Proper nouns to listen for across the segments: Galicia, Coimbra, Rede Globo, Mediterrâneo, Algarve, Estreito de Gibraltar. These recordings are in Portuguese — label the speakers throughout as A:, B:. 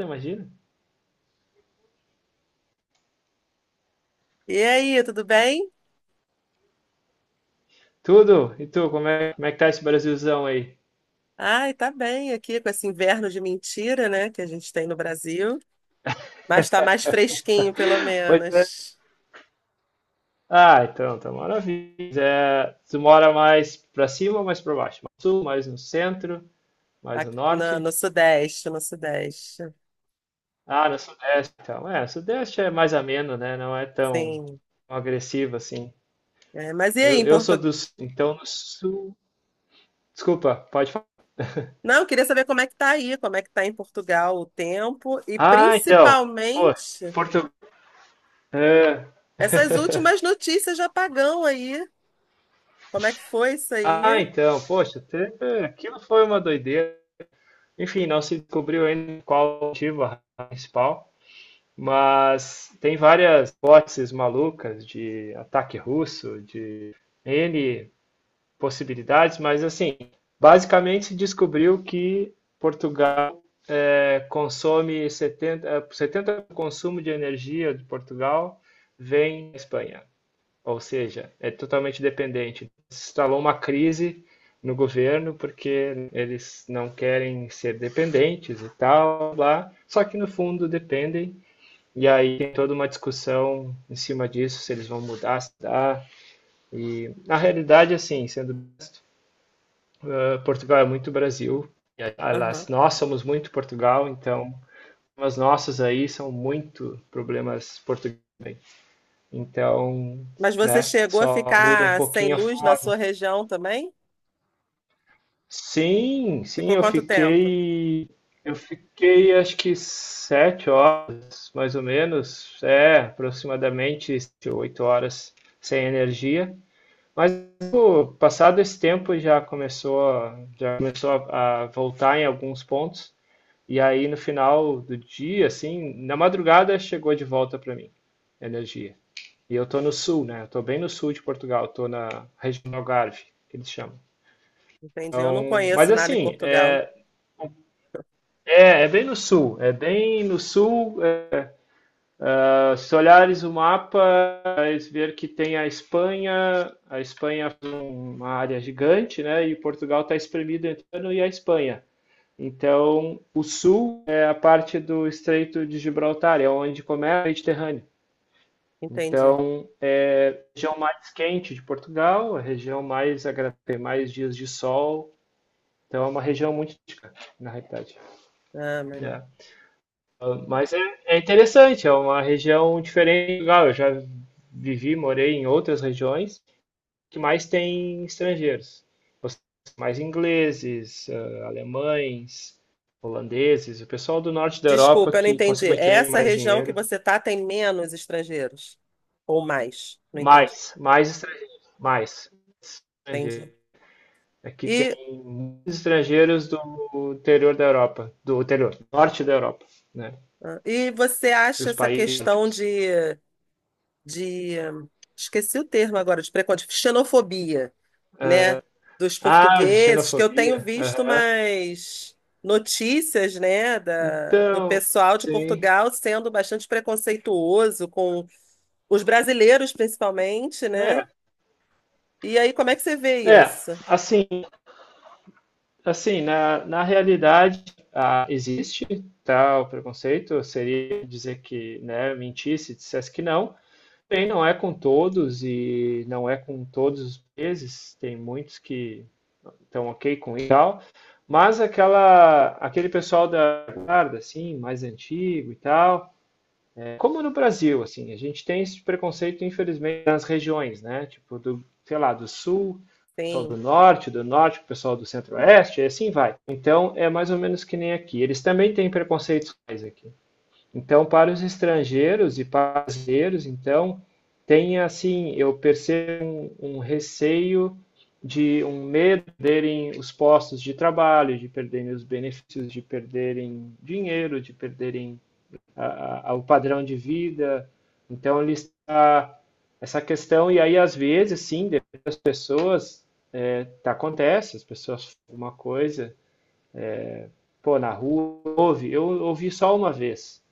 A: Imagina.
B: E aí, tudo bem?
A: Tudo. E tu, como é que tá esse Brasilzão aí?
B: Ai, tá bem aqui com esse inverno de mentira, né, que a gente tem no Brasil, mas tá mais fresquinho, pelo
A: Pois é.
B: menos,
A: Ah, então, tá maravilha. É, tu mora mais pra cima ou mais pra baixo? Mais no sul, mais no centro, mais no
B: aqui na- no,
A: norte?
B: Sudeste, no Sudeste.
A: Ah, no sudeste, então. É, o sudeste é mais ameno, né? Não é tão
B: Sim.
A: agressivo assim.
B: É, mas e aí,
A: Eu,
B: em
A: eu sou
B: Portugal?
A: do sul, então no sul. Desculpa, pode falar.
B: Não, eu queria saber como é que tá aí, como é que tá em Portugal o tempo e
A: Ah, então. Pô,
B: principalmente
A: Portugal.
B: essas últimas notícias de apagão aí. Como é que foi isso aí?
A: Ah, então, poxa, aquilo foi uma doideira. Enfim, não se descobriu ainda qual o motivo, a razão principal, mas tem várias hipóteses malucas, de ataque russo, de N possibilidades, mas assim, basicamente se descobriu que Portugal consome 70, 70% do consumo de energia de Portugal vem da Espanha. Ou seja, é totalmente dependente. Se instalou uma crise no governo porque eles não querem ser dependentes e tal, lá, só que no fundo dependem. E aí tem toda uma discussão em cima disso, se eles vão mudar, se dá. E na realidade, assim, sendo Portugal é muito Brasil, e,
B: Aham.
A: aliás, nós somos muito Portugal, então os nossos aí são muito problemas portugueses. Então,
B: Mas você
A: né,
B: chegou a
A: só muda um
B: ficar sem
A: pouquinho a...
B: luz na sua região também?
A: Sim, sim,
B: Ficou
A: eu
B: quanto tempo?
A: fiquei. Eu fiquei acho que 7 horas, mais ou menos. É, aproximadamente 8 horas sem energia. Mas pô, passado esse tempo já começou a voltar em alguns pontos. E aí no final do dia, assim, na madrugada chegou de volta para mim a energia. E eu tô no sul, né? Eu tô bem no sul de Portugal, tô na região do Algarve, que eles chamam.
B: Entendi. Eu não conheço
A: Mas
B: nada em
A: assim,
B: Portugal.
A: é, bem no sul, é bem no sul. Se olhares o mapa, vais ver que tem a Espanha. A Espanha é uma área gigante, né? E Portugal está espremido entre o Líbano e a Espanha. Então, o sul é a parte do Estreito de Gibraltar, é onde começa o Mediterrâneo.
B: Entendi.
A: Então, é a região mais quente de Portugal, a região mais agradável, tem mais dias de sol. Então, é uma região muito, na realidade,
B: Ah, meu
A: né?
B: Deus.
A: Ah, mas é interessante, é uma região diferente. Legal, eu já vivi, morei em outras regiões que mais tem estrangeiros. Os- Mais ingleses, alemães, holandeses, o pessoal do norte da Europa
B: Desculpa, eu não
A: que,
B: entendi. É
A: consequentemente, tem
B: Essa
A: mais
B: região que
A: dinheiro.
B: você tá tem menos estrangeiros ou mais? Não entendi.
A: Mais, mais estrangeiros, mais
B: Entendi.
A: estrangeiros. Aqui tem
B: E,
A: muitos estrangeiros do interior da Europa, do interior, norte da Europa, né?
B: e você acha
A: Dos
B: essa
A: países
B: questão
A: nórdicos.
B: de esqueci o termo agora, de preconceito, xenofobia, né, dos
A: Ah, de
B: portugueses, que eu tenho
A: xenofobia.
B: visto
A: Aham.
B: mais notícias, né, do
A: Então,
B: pessoal de
A: sim,
B: Portugal sendo bastante preconceituoso com os brasileiros, principalmente, né?
A: né?
B: E aí, como é que você vê
A: É,
B: isso?
A: assim, na realidade, ah, existe tal preconceito. Seria dizer que, né, mentisse, dissesse que não. Bem, não é com todos e não é com todos os meses, tem muitos que estão ok com isso e tal, mas aquele pessoal da guarda, assim, mais antigo e tal, como no Brasil. Assim, a gente tem esse preconceito, infelizmente, nas regiões, né? Tipo, do, sei lá, do sul, o pessoal do
B: Sim,
A: norte, do norte, o pessoal do centro-oeste, e assim vai. Então, é mais ou menos que nem aqui. Eles também têm preconceitos aqui. Então, para os estrangeiros e para os brasileiros, então, tem assim, eu percebo um receio, de um medo de perderem os postos de trabalho, de perderem os benefícios, de perderem dinheiro, de perderem a- ao padrão de vida. Então, ele está essa questão, e aí, às vezes, sim, depende das pessoas, é, tá, acontece, as pessoas falam uma coisa, pô, na rua, ouve. Eu ouvi só uma vez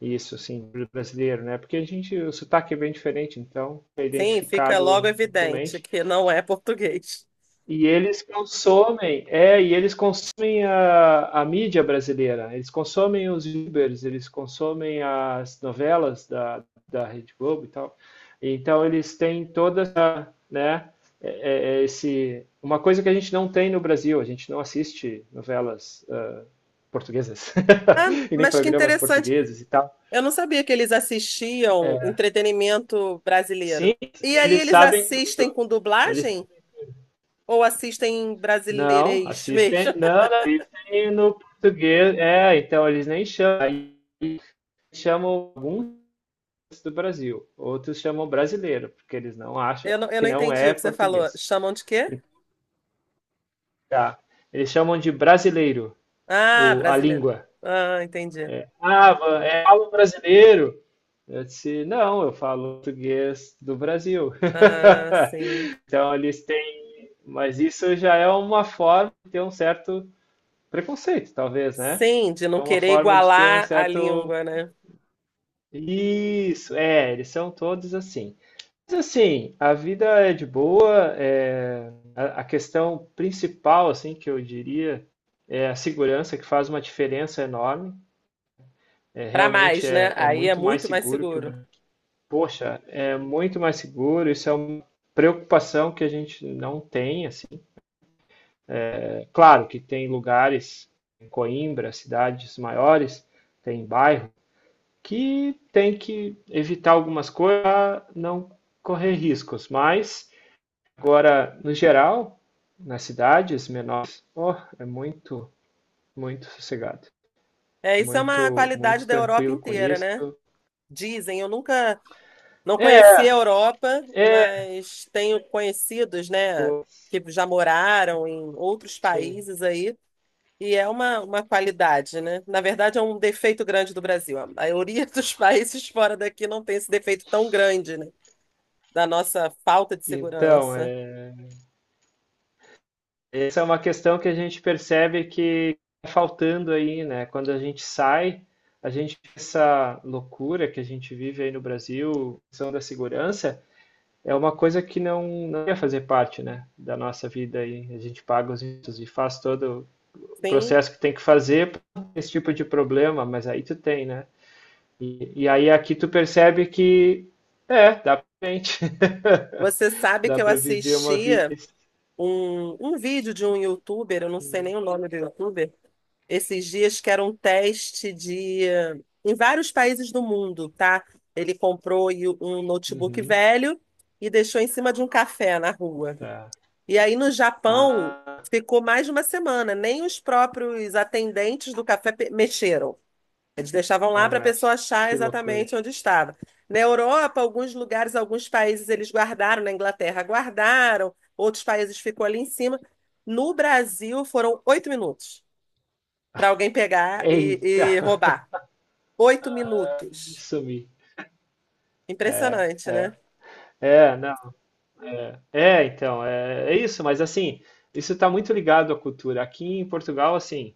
A: isso, assim, do brasileiro, né? Porque a gente, o sotaque é bem diferente, então é
B: sim, fica logo
A: identificado
B: evidente
A: facilmente.
B: que não é português.
A: E eles consomem a mídia brasileira, eles consomem os youtubers, eles consomem as novelas da Rede Globo e tal. Então eles têm toda essa, né, uma coisa que a gente não tem no Brasil, a gente não assiste novelas portuguesas
B: Ah,
A: e nem
B: mas que
A: programas
B: interessante.
A: portugueses e tal.
B: Eu não sabia que eles assistiam
A: É,
B: entretenimento brasileiro.
A: sim,
B: E aí,
A: eles
B: eles
A: sabem
B: assistem
A: tudo.
B: com
A: Eles
B: dublagem ou assistem em
A: Não,
B: brasileirês
A: assistem.
B: mesmo?
A: Não, não, assistem no português. É, então eles nem chamam. Aí chamam alguns do Brasil, outros chamam brasileiro, porque eles não acham
B: Eu
A: que
B: não
A: não
B: entendi
A: é
B: o que você falou.
A: português.
B: Chamam de quê?
A: Tá. Eles chamam de brasileiro
B: Ah,
A: a
B: brasileiro.
A: língua.
B: Ah, entendi.
A: Ah, é algo brasileiro. Eu disse, não, eu falo português do Brasil.
B: Ah, sim.
A: Então eles têm, mas isso já é uma forma de ter um certo preconceito, talvez, né?
B: Sim, de
A: É
B: não
A: uma
B: querer
A: forma de ter um
B: igualar a
A: certo...
B: língua, né?
A: Isso, é, eles são todos assim. Mas assim, a vida é de boa, é, a questão principal, assim, que eu diria, é a segurança, que faz uma diferença enorme. É,
B: Para
A: realmente
B: mais, né?
A: é
B: Aí é
A: muito mais
B: muito mais
A: seguro que o
B: seguro.
A: Brasil. Poxa, é muito mais seguro, isso é uma preocupação que a gente não tem, assim. É claro que tem lugares em Coimbra, cidades maiores, tem bairros que tem que evitar algumas coisas para não correr riscos. Mas, agora, no geral, nas cidades menores, oh, é muito, muito sossegado.
B: É, isso é uma
A: Muito,
B: qualidade
A: muito
B: da Europa
A: tranquilo com
B: inteira, né?
A: isso.
B: Dizem, eu nunca não conheci
A: É,
B: a Europa,
A: é,
B: mas tenho conhecidos, né,
A: pô,
B: que já moraram em outros
A: sim.
B: países aí, e é uma qualidade, né? Na verdade, é um defeito grande do Brasil. A maioria dos países fora daqui não tem esse defeito tão grande, né? Da nossa falta de
A: Então,
B: segurança.
A: é, essa é uma questão que a gente percebe que tá faltando aí, né? Quando a gente sai, a gente... essa loucura que a gente vive aí no Brasil, questão da segurança, é uma coisa que não ia fazer parte, né, da nossa vida aí. A gente paga os impostos e faz todo o
B: Sim,
A: processo que tem que fazer pra esse tipo de problema, mas aí tu tem, né? E aí aqui tu percebe que é, dá pra gente.
B: você sabe que
A: Dá
B: eu
A: pra viver uma
B: assisti
A: vida.
B: um vídeo de um youtuber, eu não sei nem o nome do youtuber, esses dias que era um teste de em vários países do mundo, tá? Ele comprou e- o- Um notebook
A: Uhum,
B: velho e deixou em cima de um café na rua.
A: tá.
B: E aí no Japão
A: Ah,
B: ficou mais de uma semana, nem os próprios atendentes do café mexeram. Eles deixavam lá
A: não
B: para a
A: mexe.
B: pessoa achar
A: Que loucura.
B: exatamente onde estava. Na Europa, alguns lugares, alguns países eles guardaram, na Inglaterra guardaram, outros países ficou ali em cima. No Brasil, foram 8 minutos para alguém pegar
A: Eita!
B: e roubar. Oito
A: Ah,
B: minutos.
A: sumi. É,
B: Impressionante, né?
A: é. É, não. É, é, então, é, é isso, mas assim, isso está muito ligado à cultura. Aqui em Portugal, assim,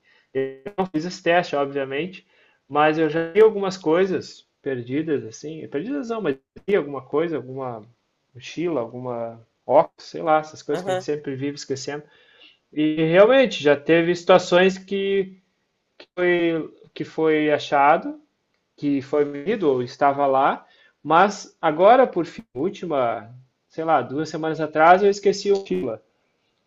A: não fiz esse teste, obviamente, mas eu já vi algumas coisas perdidas, assim, perdidas não, mas vi alguma coisa, alguma mochila, alguma óculos, sei lá, essas coisas que a gente
B: Aham,
A: sempre vive esquecendo. E realmente já teve situações que foi achado, que foi medido ou estava lá, mas agora, por fim, última, sei lá, 2 semanas atrás, eu esqueci o mochila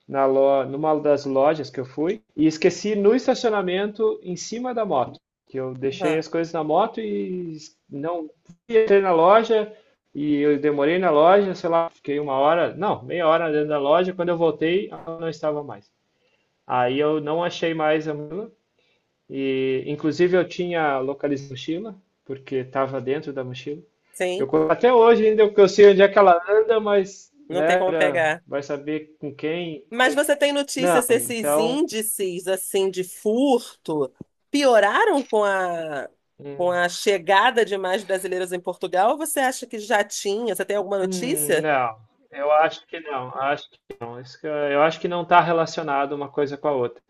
A: numa das lojas que eu fui e esqueci no estacionamento em cima da moto. Que eu deixei
B: aham.
A: as coisas na moto e não entrei na loja, e eu demorei na loja, sei lá, fiquei 1 hora, não, meia hora dentro da loja. Quando eu voltei, ela não estava mais. Aí eu não achei mais a mochila, e inclusive eu tinha localizado a mochila porque estava dentro da mochila.
B: Sim,
A: Eu até hoje ainda eu sei onde é que ela anda, mas
B: não tem
A: né,
B: como pegar.
A: vai saber com quem,
B: Mas
A: como.
B: você tem notícia se esses
A: Então...
B: índices assim de furto pioraram com
A: hum,
B: a chegada de mais brasileiros em Portugal? Ou você acha que já tinha? Você tem alguma notícia?
A: não, eu acho que não, acho que não. Isso que eu acho que não está relacionado uma coisa com a outra,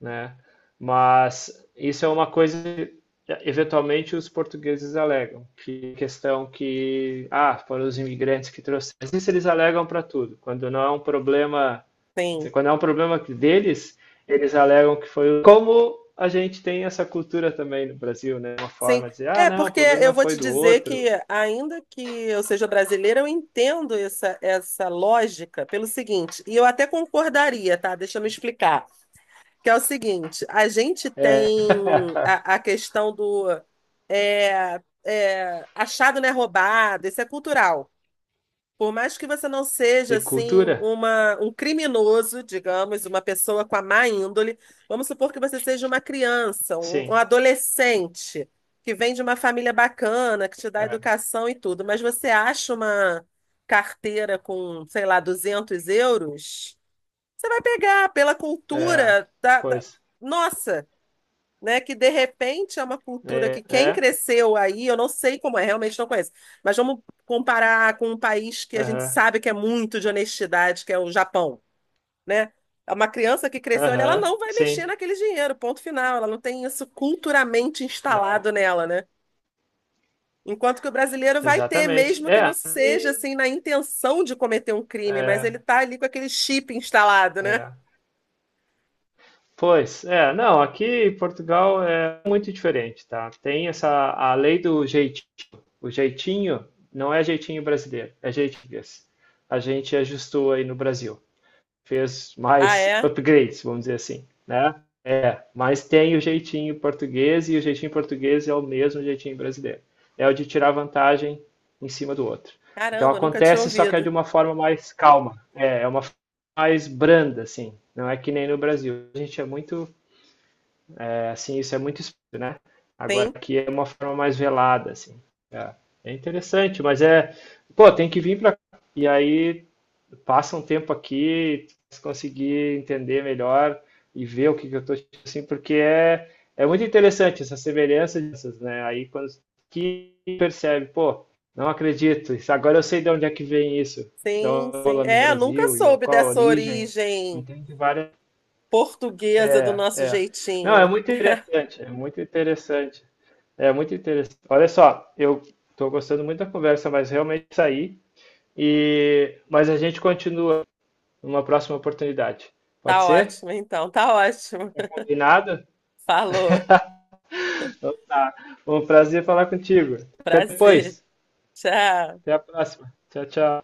A: né? Mas isso é uma coisa que eventualmente os portugueses alegam, que questão que, ah, foram os imigrantes que trouxeram. Isso eles alegam para tudo. Quando não é um problema,
B: Sim,
A: quando é um problema deles, eles alegam que foi como a gente tem essa cultura também no Brasil, né? Uma forma
B: sim.
A: de dizer, ah,
B: É,
A: não, o
B: porque
A: problema
B: eu vou
A: foi
B: te
A: do
B: dizer que,
A: outro.
B: ainda que eu seja brasileira, eu entendo essa lógica pelo seguinte, e eu até concordaria, tá? Deixa eu me explicar. Que é o seguinte, a gente tem a questão do achado não é roubado, isso é cultural. Por mais que você não seja
A: E
B: assim
A: cultura?
B: um criminoso, digamos, uma pessoa com a má índole, vamos supor que você seja uma criança, um
A: Sim.
B: adolescente que vem de uma família bacana, que te dá educação e tudo, mas você acha uma carteira com, sei lá, 200 euros? Você vai pegar pela
A: É,
B: cultura
A: pois.
B: nossa, né? Que de repente é uma cultura
A: É,
B: que quem
A: é,
B: cresceu aí, eu não sei como é, realmente não conheço. Mas vamos comparar com um país que a gente
A: aham,
B: sabe que é muito de honestidade, que é o Japão, né? É Uma criança que cresceu ali, ela
A: aham,
B: não vai
A: sim,
B: mexer naquele dinheiro, ponto final. Ela não tem isso culturalmente
A: não,
B: instalado nela, né? Enquanto que o brasileiro vai ter,
A: exatamente.
B: mesmo que não
A: É,
B: seja assim na intenção de cometer um crime, mas ele
A: é,
B: tá ali com aquele chip instalado, né?
A: é. Pois, é, não, aqui em Portugal é muito diferente, tá? Tem essa, a lei do jeitinho. O jeitinho não é jeitinho brasileiro, é jeitinho português. A gente ajustou aí no Brasil, fez
B: Ah,
A: mais
B: é?
A: upgrades, vamos dizer assim, né? É, mas tem o jeitinho português, e o jeitinho português é o mesmo jeitinho brasileiro. É o de tirar vantagem em cima do outro. Então
B: Caramba, nunca tinha
A: acontece, só que é
B: ouvido.
A: de uma forma mais calma. É uma forma mais branda, assim. Não é que nem no Brasil. A gente é muito, é, assim, isso é muito explícito, né? Agora
B: Sim,
A: aqui é uma forma mais velada, assim. É, é interessante, mas é, pô, tem que vir para cá, e aí passa um tempo aqui, se conseguir entender melhor e ver o que, que eu estou assim, porque é muito interessante essa semelhança dessas, né? Aí quando que percebe, pô, não acredito, agora eu sei de onde é que vem isso, da
B: sim, sim.
A: bola no
B: É, nunca
A: Brasil e
B: soube
A: qual a
B: dessa
A: origem,
B: origem
A: entende várias.
B: portuguesa do
A: É,
B: nosso
A: é. Não, é
B: jeitinho.
A: muito interessante, é muito interessante. É muito interessante. Olha só, eu estou gostando muito da conversa, mas realmente saí. E mas a gente continua numa próxima oportunidade. Pode
B: Tá
A: ser?
B: ótimo, então. Tá ótimo.
A: Tá combinado?
B: Falou.
A: Então tá. Foi um prazer falar contigo. Até
B: Prazer.
A: depois.
B: Tchau.
A: Até a próxima. Tchau, tchau.